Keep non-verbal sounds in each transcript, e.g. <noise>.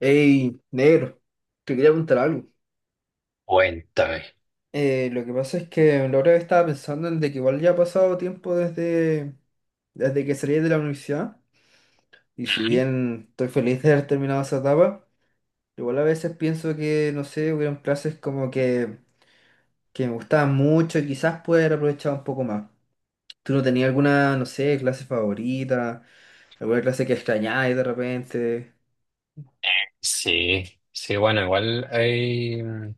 Ey, negro, te quería contar algo. Cuéntame. Lo que pasa es que la otra vez estaba pensando en de que igual ya ha pasado tiempo desde que salí de la universidad. Y si Ujú. bien estoy feliz de haber terminado esa etapa, igual a veces pienso que, no sé, hubieron clases como que me gustaban mucho y quizás pude haber aprovechado un poco más. ¿Tú no tenías alguna, no sé, clase favorita? ¿Alguna clase que extrañáis de repente? Sí, sí, bueno, igual hay,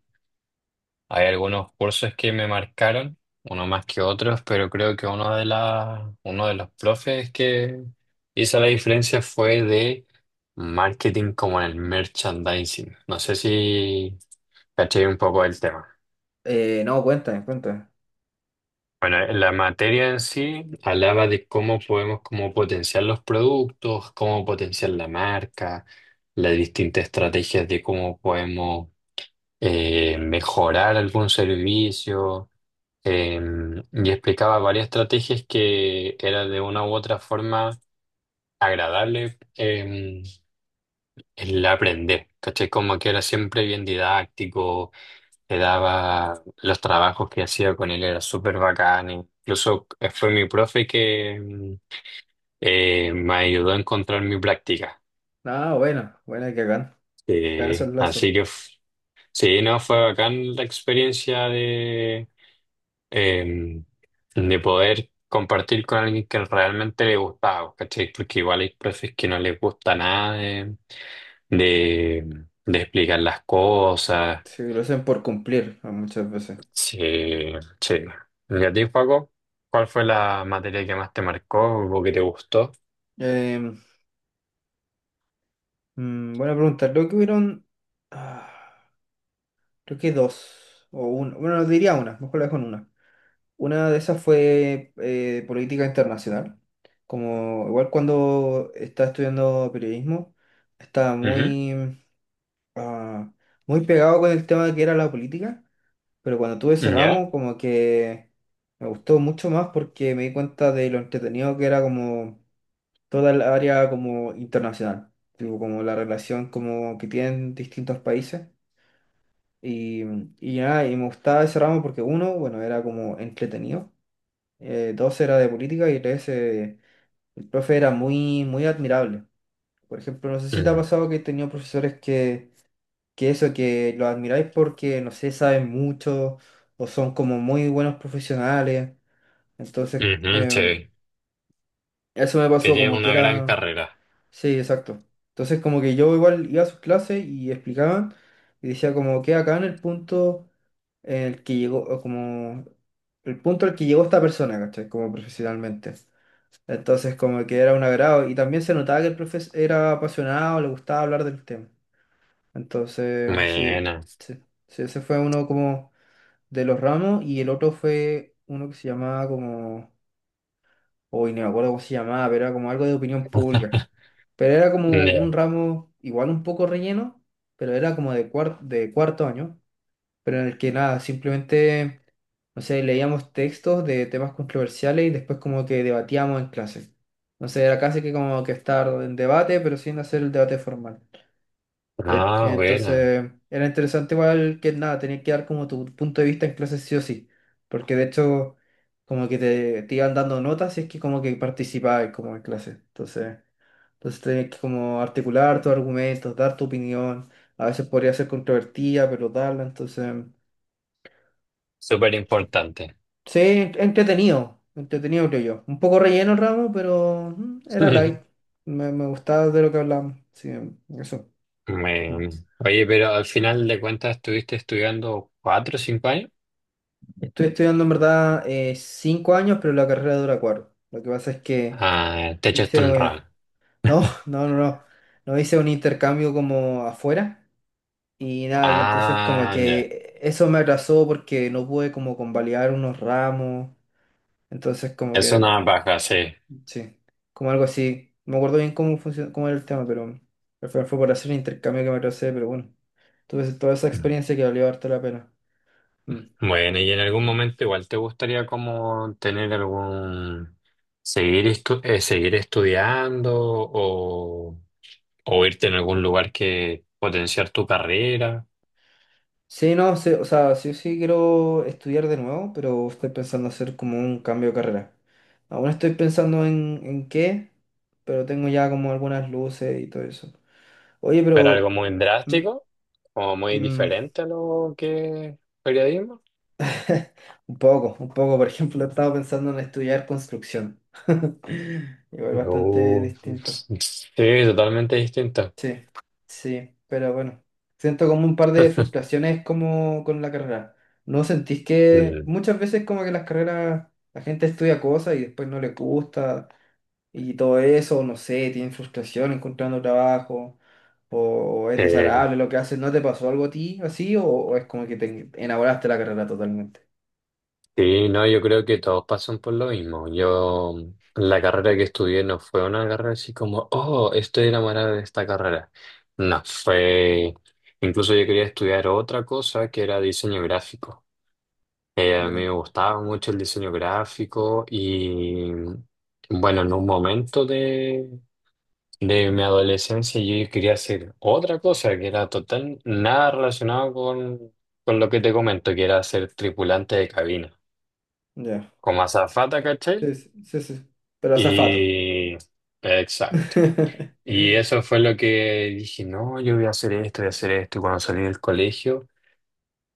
hay algunos cursos que me marcaron, uno más que otros, pero creo que uno de los profes que hizo la diferencia fue de marketing como en el merchandising. No sé si caché un poco el tema. No, cuéntame. Bueno, la materia en sí hablaba de cómo podemos como potenciar los productos, cómo potenciar la marca, las distintas estrategias de cómo podemos mejorar algún servicio, y explicaba varias estrategias que era de una u otra forma agradable em, el aprender, ¿cachai? Como que era siempre bien didáctico, te daba los trabajos que hacía con él, era súper bacán, incluso fue mi profe que me ayudó a encontrar mi práctica. Ah, buena, que hagan esos Eh, lazos. así que f- sí, no, fue bacán la experiencia eh, de poder compartir con alguien que realmente le gustaba, ¿cachai? Porque igual hay profes que no les gusta nada de, de explicar las cosas. Sí, lo hacen por cumplir ah, muchas veces. Sí, sí. ¿Y a ti, Paco? ¿Cuál fue la materia que más te marcó o que te gustó? Em, Buena pregunta. Creo que ah, creo que dos o una. Bueno, diría una, mejor la dejo en una. Una de esas fue política internacional. Como igual cuando estaba estudiando periodismo, estaba ah, muy pegado con el tema que era la política, pero cuando tuve ese Ujú, ¿ya? ramo, como que me gustó mucho más porque me di cuenta de lo entretenido que era como toda el área como internacional, tipo como la relación como que tienen distintos países. Y, y nada, y me gustaba ese ramo porque uno, bueno, era como entretenido, dos era de política y el profe era muy admirable. Por ejemplo, no sé si te ha Mm, pasado que he tenido profesores que eso, que los admiráis porque, no sé, saben mucho o son como muy buenos profesionales. Entonces, ujú, sí. eso me Que pasó tienes como que una gran era... carrera. Sí, exacto. Entonces como que yo igual iba a sus clases y explicaban y decía como que acá en el punto en el que llegó, o como el punto al que llegó esta persona, ¿cachai? Como profesionalmente. Entonces como que era un agrado y también se notaba que el profesor era apasionado, le gustaba hablar del tema. Entonces, Buena. Sí, ese fue uno como de los ramos y el otro fue uno que se llamaba como... Uy, no me acuerdo cómo se llamaba, pero era como algo de opinión pública. <laughs> Pero era como un Ya. ramo igual un poco relleno, pero era como cuar- de cuarto año, pero en el que nada, simplemente, no sé, leíamos textos de temas controversiales y después como que debatíamos en clase. Entonces era casi que como que estar en debate, pero sin hacer el debate formal. Te- Ah, buena. Entonces, era interesante igual que nada, tenías que dar como tu punto de vista en clase sí o sí, porque de hecho como que te iban dando notas y es que como que participabas como en clase. Entonces tenías que como articular tus argumentos, dar tu opinión, a veces podría ser controvertida, pero darla, entonces, Súper importante. sí, entretenido, entretenido creo yo. Un poco relleno el ramo, pero era light, <laughs> me gustaba de lo que hablábamos, sí, eso. Bueno, oye, pero al final de cuentas estuviste estudiando cuatro o cinco años. Estoy estudiando en verdad cinco años, pero la carrera dura cuatro. Lo que pasa es que Ah, te hice... echaste un ramo. No, <laughs> no, no, no. No hice un intercambio como afuera. Y nada, y entonces como Ah, ya. que eso me atrasó porque no pude como convalidar unos ramos. Entonces como Es que, una baja, sí. sí, como algo así. No me acuerdo bien cómo funcionó, cómo era el tema, pero al final fue por hacer un intercambio que me atrasé, pero bueno. Tuve toda esa experiencia que valió harto la pena. Mm. Bueno, y en algún momento igual te gustaría como tener algún, seguir estudiando o irte en algún lugar que potenciar tu carrera, Sí, no, sí, o sea, sí quiero estudiar de nuevo, pero estoy pensando hacer como un cambio de carrera. Aún estoy pensando en qué, pero tengo ya como algunas luces y todo eso. Oye, pero algo pero... muy mm, drástico o muy mm, diferente a lo que es periodismo. <laughs> un poco, un poco. Por ejemplo, estaba pensando en estudiar construcción. <laughs> Igual bastante No, distinto. sí, totalmente distinta. Sí, sí, pero bueno, siento como un par de frustraciones como con la carrera. ¿No sentís que Mm, muchas veces como que las carreras, la gente estudia cosas y después no le gusta y todo eso, no sé, tienen frustración encontrando trabajo o es eh, desagradable lo que haces? ¿No te pasó algo a ti así o es como que te enamoraste de la carrera totalmente? sí, no, yo creo que todos pasan por lo mismo. Yo, la carrera que estudié no fue una carrera así como, oh, estoy enamorada de esta carrera. No, fue, incluso yo quería estudiar otra cosa que era diseño gráfico. A mí Ya, me gustaba mucho el diseño gráfico y, bueno, en un momento de mi adolescencia yo quería hacer otra cosa que era total, nada relacionado con lo que te comento, que era ser tripulante de cabina, ya. como azafata, ¿cachai? Sí, sí, sí, sí. Pero azafato. Y... exacto. <laughs> Y eso fue lo que dije, no, yo voy a hacer esto, voy a hacer esto. Y cuando salí del colegio,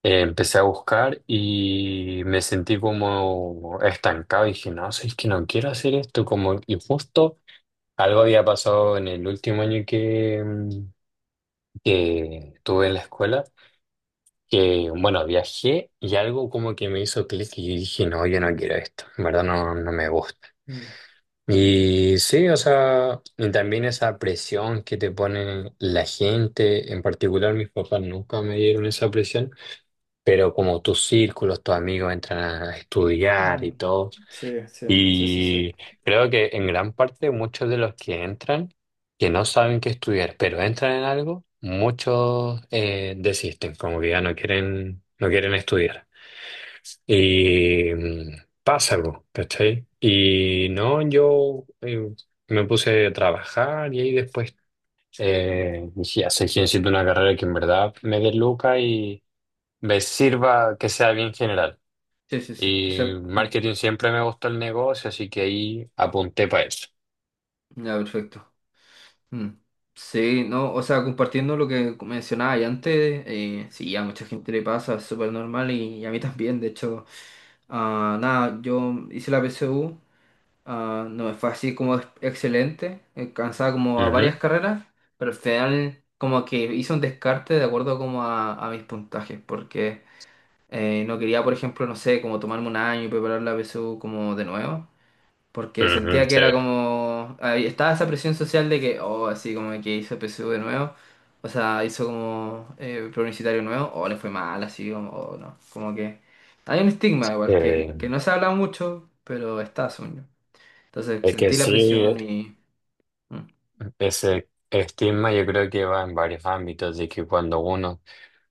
empecé a buscar y me sentí como estancado. Y dije, no, es que no quiero hacer esto. Como, y justo algo había pasado en el último año que... que tuve en la escuela, que bueno, viajé y algo como que me hizo clic y dije, no, yo no quiero esto, en verdad no, no me gusta. Mm, Y sí, o sea, y también esa presión que te pone la gente, en particular mis papás nunca me dieron esa presión, pero como tus círculos, tus amigos entran a estudiar mm. y todo. Sí, sí, sí, sí, sí. Y creo que en gran parte muchos de los que entran, que no saben qué estudiar, pero entran en algo, muchos desisten, como que ya no quieren, no quieren estudiar. Y pasa algo, ¿cachai? Y no, yo me puse a trabajar y ahí después dije, así que necesito una carrera que en verdad me dé lucas y me sirva que sea bien general. Sí, sí, sí, que Y sea... mm. marketing siempre me gustó el negocio, así que ahí apunté para eso. Ya, perfecto. Mm. Sí, no, o sea, compartiendo lo que mencionaba ya antes, sí, a mucha gente le pasa, es súper normal y a mí también, de hecho, ah, nada, yo hice la PSU, ah, no me fue así como excelente, alcanzaba como a Ujú, varias carreras, pero al final como que hice un descarte de acuerdo como a mis puntajes, porque no quería, por ejemplo, no sé, como tomarme un año y preparar la PSU como de nuevo. Porque ujú, sentía que sí. era como... ahí estaba esa presión social de que, oh, así como que hizo PSU de nuevo. O sea, hizo como preuniversitario nuevo. O le fue mal, así como, o no. Como que hay un estigma igual, Eh, que no se habla mucho, pero está, según yo. Entonces es que sentí la sí, presión y... mm, ese estigma yo creo que va en varios ámbitos, de que cuando uno,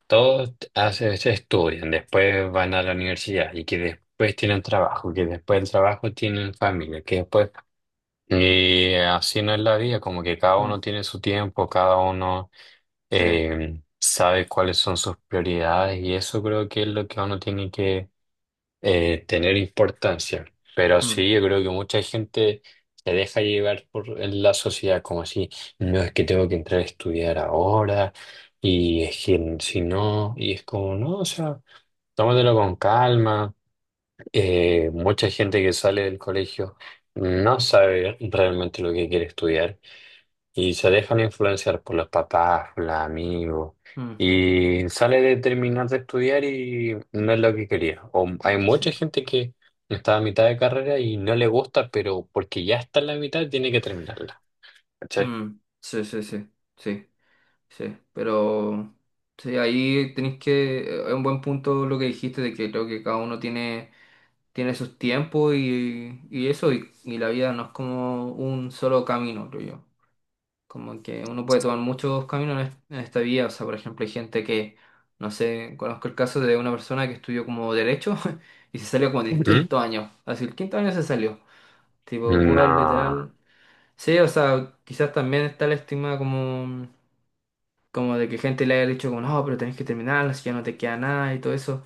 todos hace, se estudian, después van a la universidad y que después tienen trabajo, que después del trabajo tienen familia, que después... y así no es la vida, como que cada uno mm, tiene su tiempo, cada uno sí, sabe cuáles son sus prioridades y eso creo que es lo que uno tiene que tener importancia. Pero mm, sí, yo creo que mucha gente se deja llevar por la sociedad, como así, no es que tengo que entrar a estudiar ahora, y es que si no, y es como, no, o sea, tómatelo con calma. Mucha gente que sale del colegio no sabe realmente lo que quiere estudiar. Y se dejan influenciar por los papás, por los amigos. mm, Y sale de terminar de estudiar y no es lo que quería. O hay sí, mucha gente que está a mitad de carrera y no le gusta, pero porque ya está en la mitad tiene que terminarla. ¿Cachai? mm, sí, sí, sí, sí, sí. Pero... Sí, ahí tenéis que... es un buen punto lo que dijiste de que creo que cada uno tiene tiene sus tiempos y eso, y la vida no es como un solo camino, creo yo. Como que uno puede tomar muchos caminos en esta vida, o sea, por ejemplo, hay gente que, no sé, conozco el caso de una persona que estudió como derecho <laughs> y se salió como del ¿Mm? quinto año, así el quinto año se salió, tipo, puedo No, literal. Sí, o sea, quizás también está la estigma como, como de que gente le haya dicho como, no, pero tenés que terminar, si ya no te queda nada y todo eso,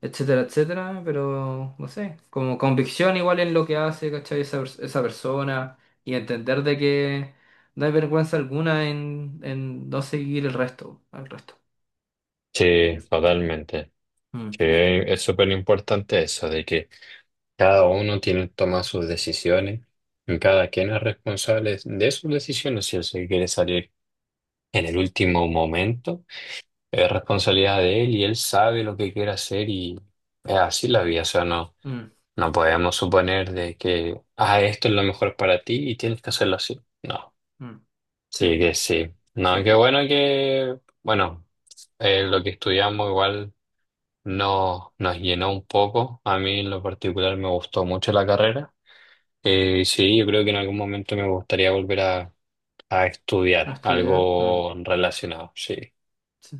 etcétera, etcétera, pero no sé, como convicción igual en lo que hace, ¿cachai? Esa persona y entender de que no hay vergüenza alguna en no seguir al resto. sí, totalmente. Sí, Mm, es súper importante eso, de que cada uno tiene que tomar sus decisiones y cada quien es responsable de sus decisiones. Si él se quiere salir en el último momento. Es responsabilidad de él y él sabe lo que quiere hacer y es así la vida. O sea, no, mm, no podemos suponer de que, ah, esto es lo mejor para ti y tienes que hacerlo así. No, mm, sí, sí que sí. sí, No, qué bueno que, bueno, lo que estudiamos igual no, nos llenó un poco. A mí en lo particular me gustó mucho la carrera. Sí, yo creo que en algún momento me gustaría volver a no estudiar estudiar. Mm, algo relacionado, sí. sí.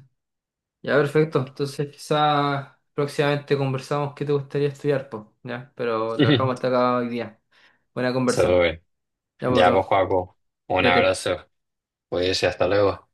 Ya, perfecto. Entonces quizá próximamente conversamos qué te gustaría estudiar, pues, ya, pero lo dejamos hasta <laughs> acá hoy día. Buena conversa. Súper. Ya, pues, Ya, pues, bro, Joaco, un cuídate. abrazo. Pues, y hasta luego.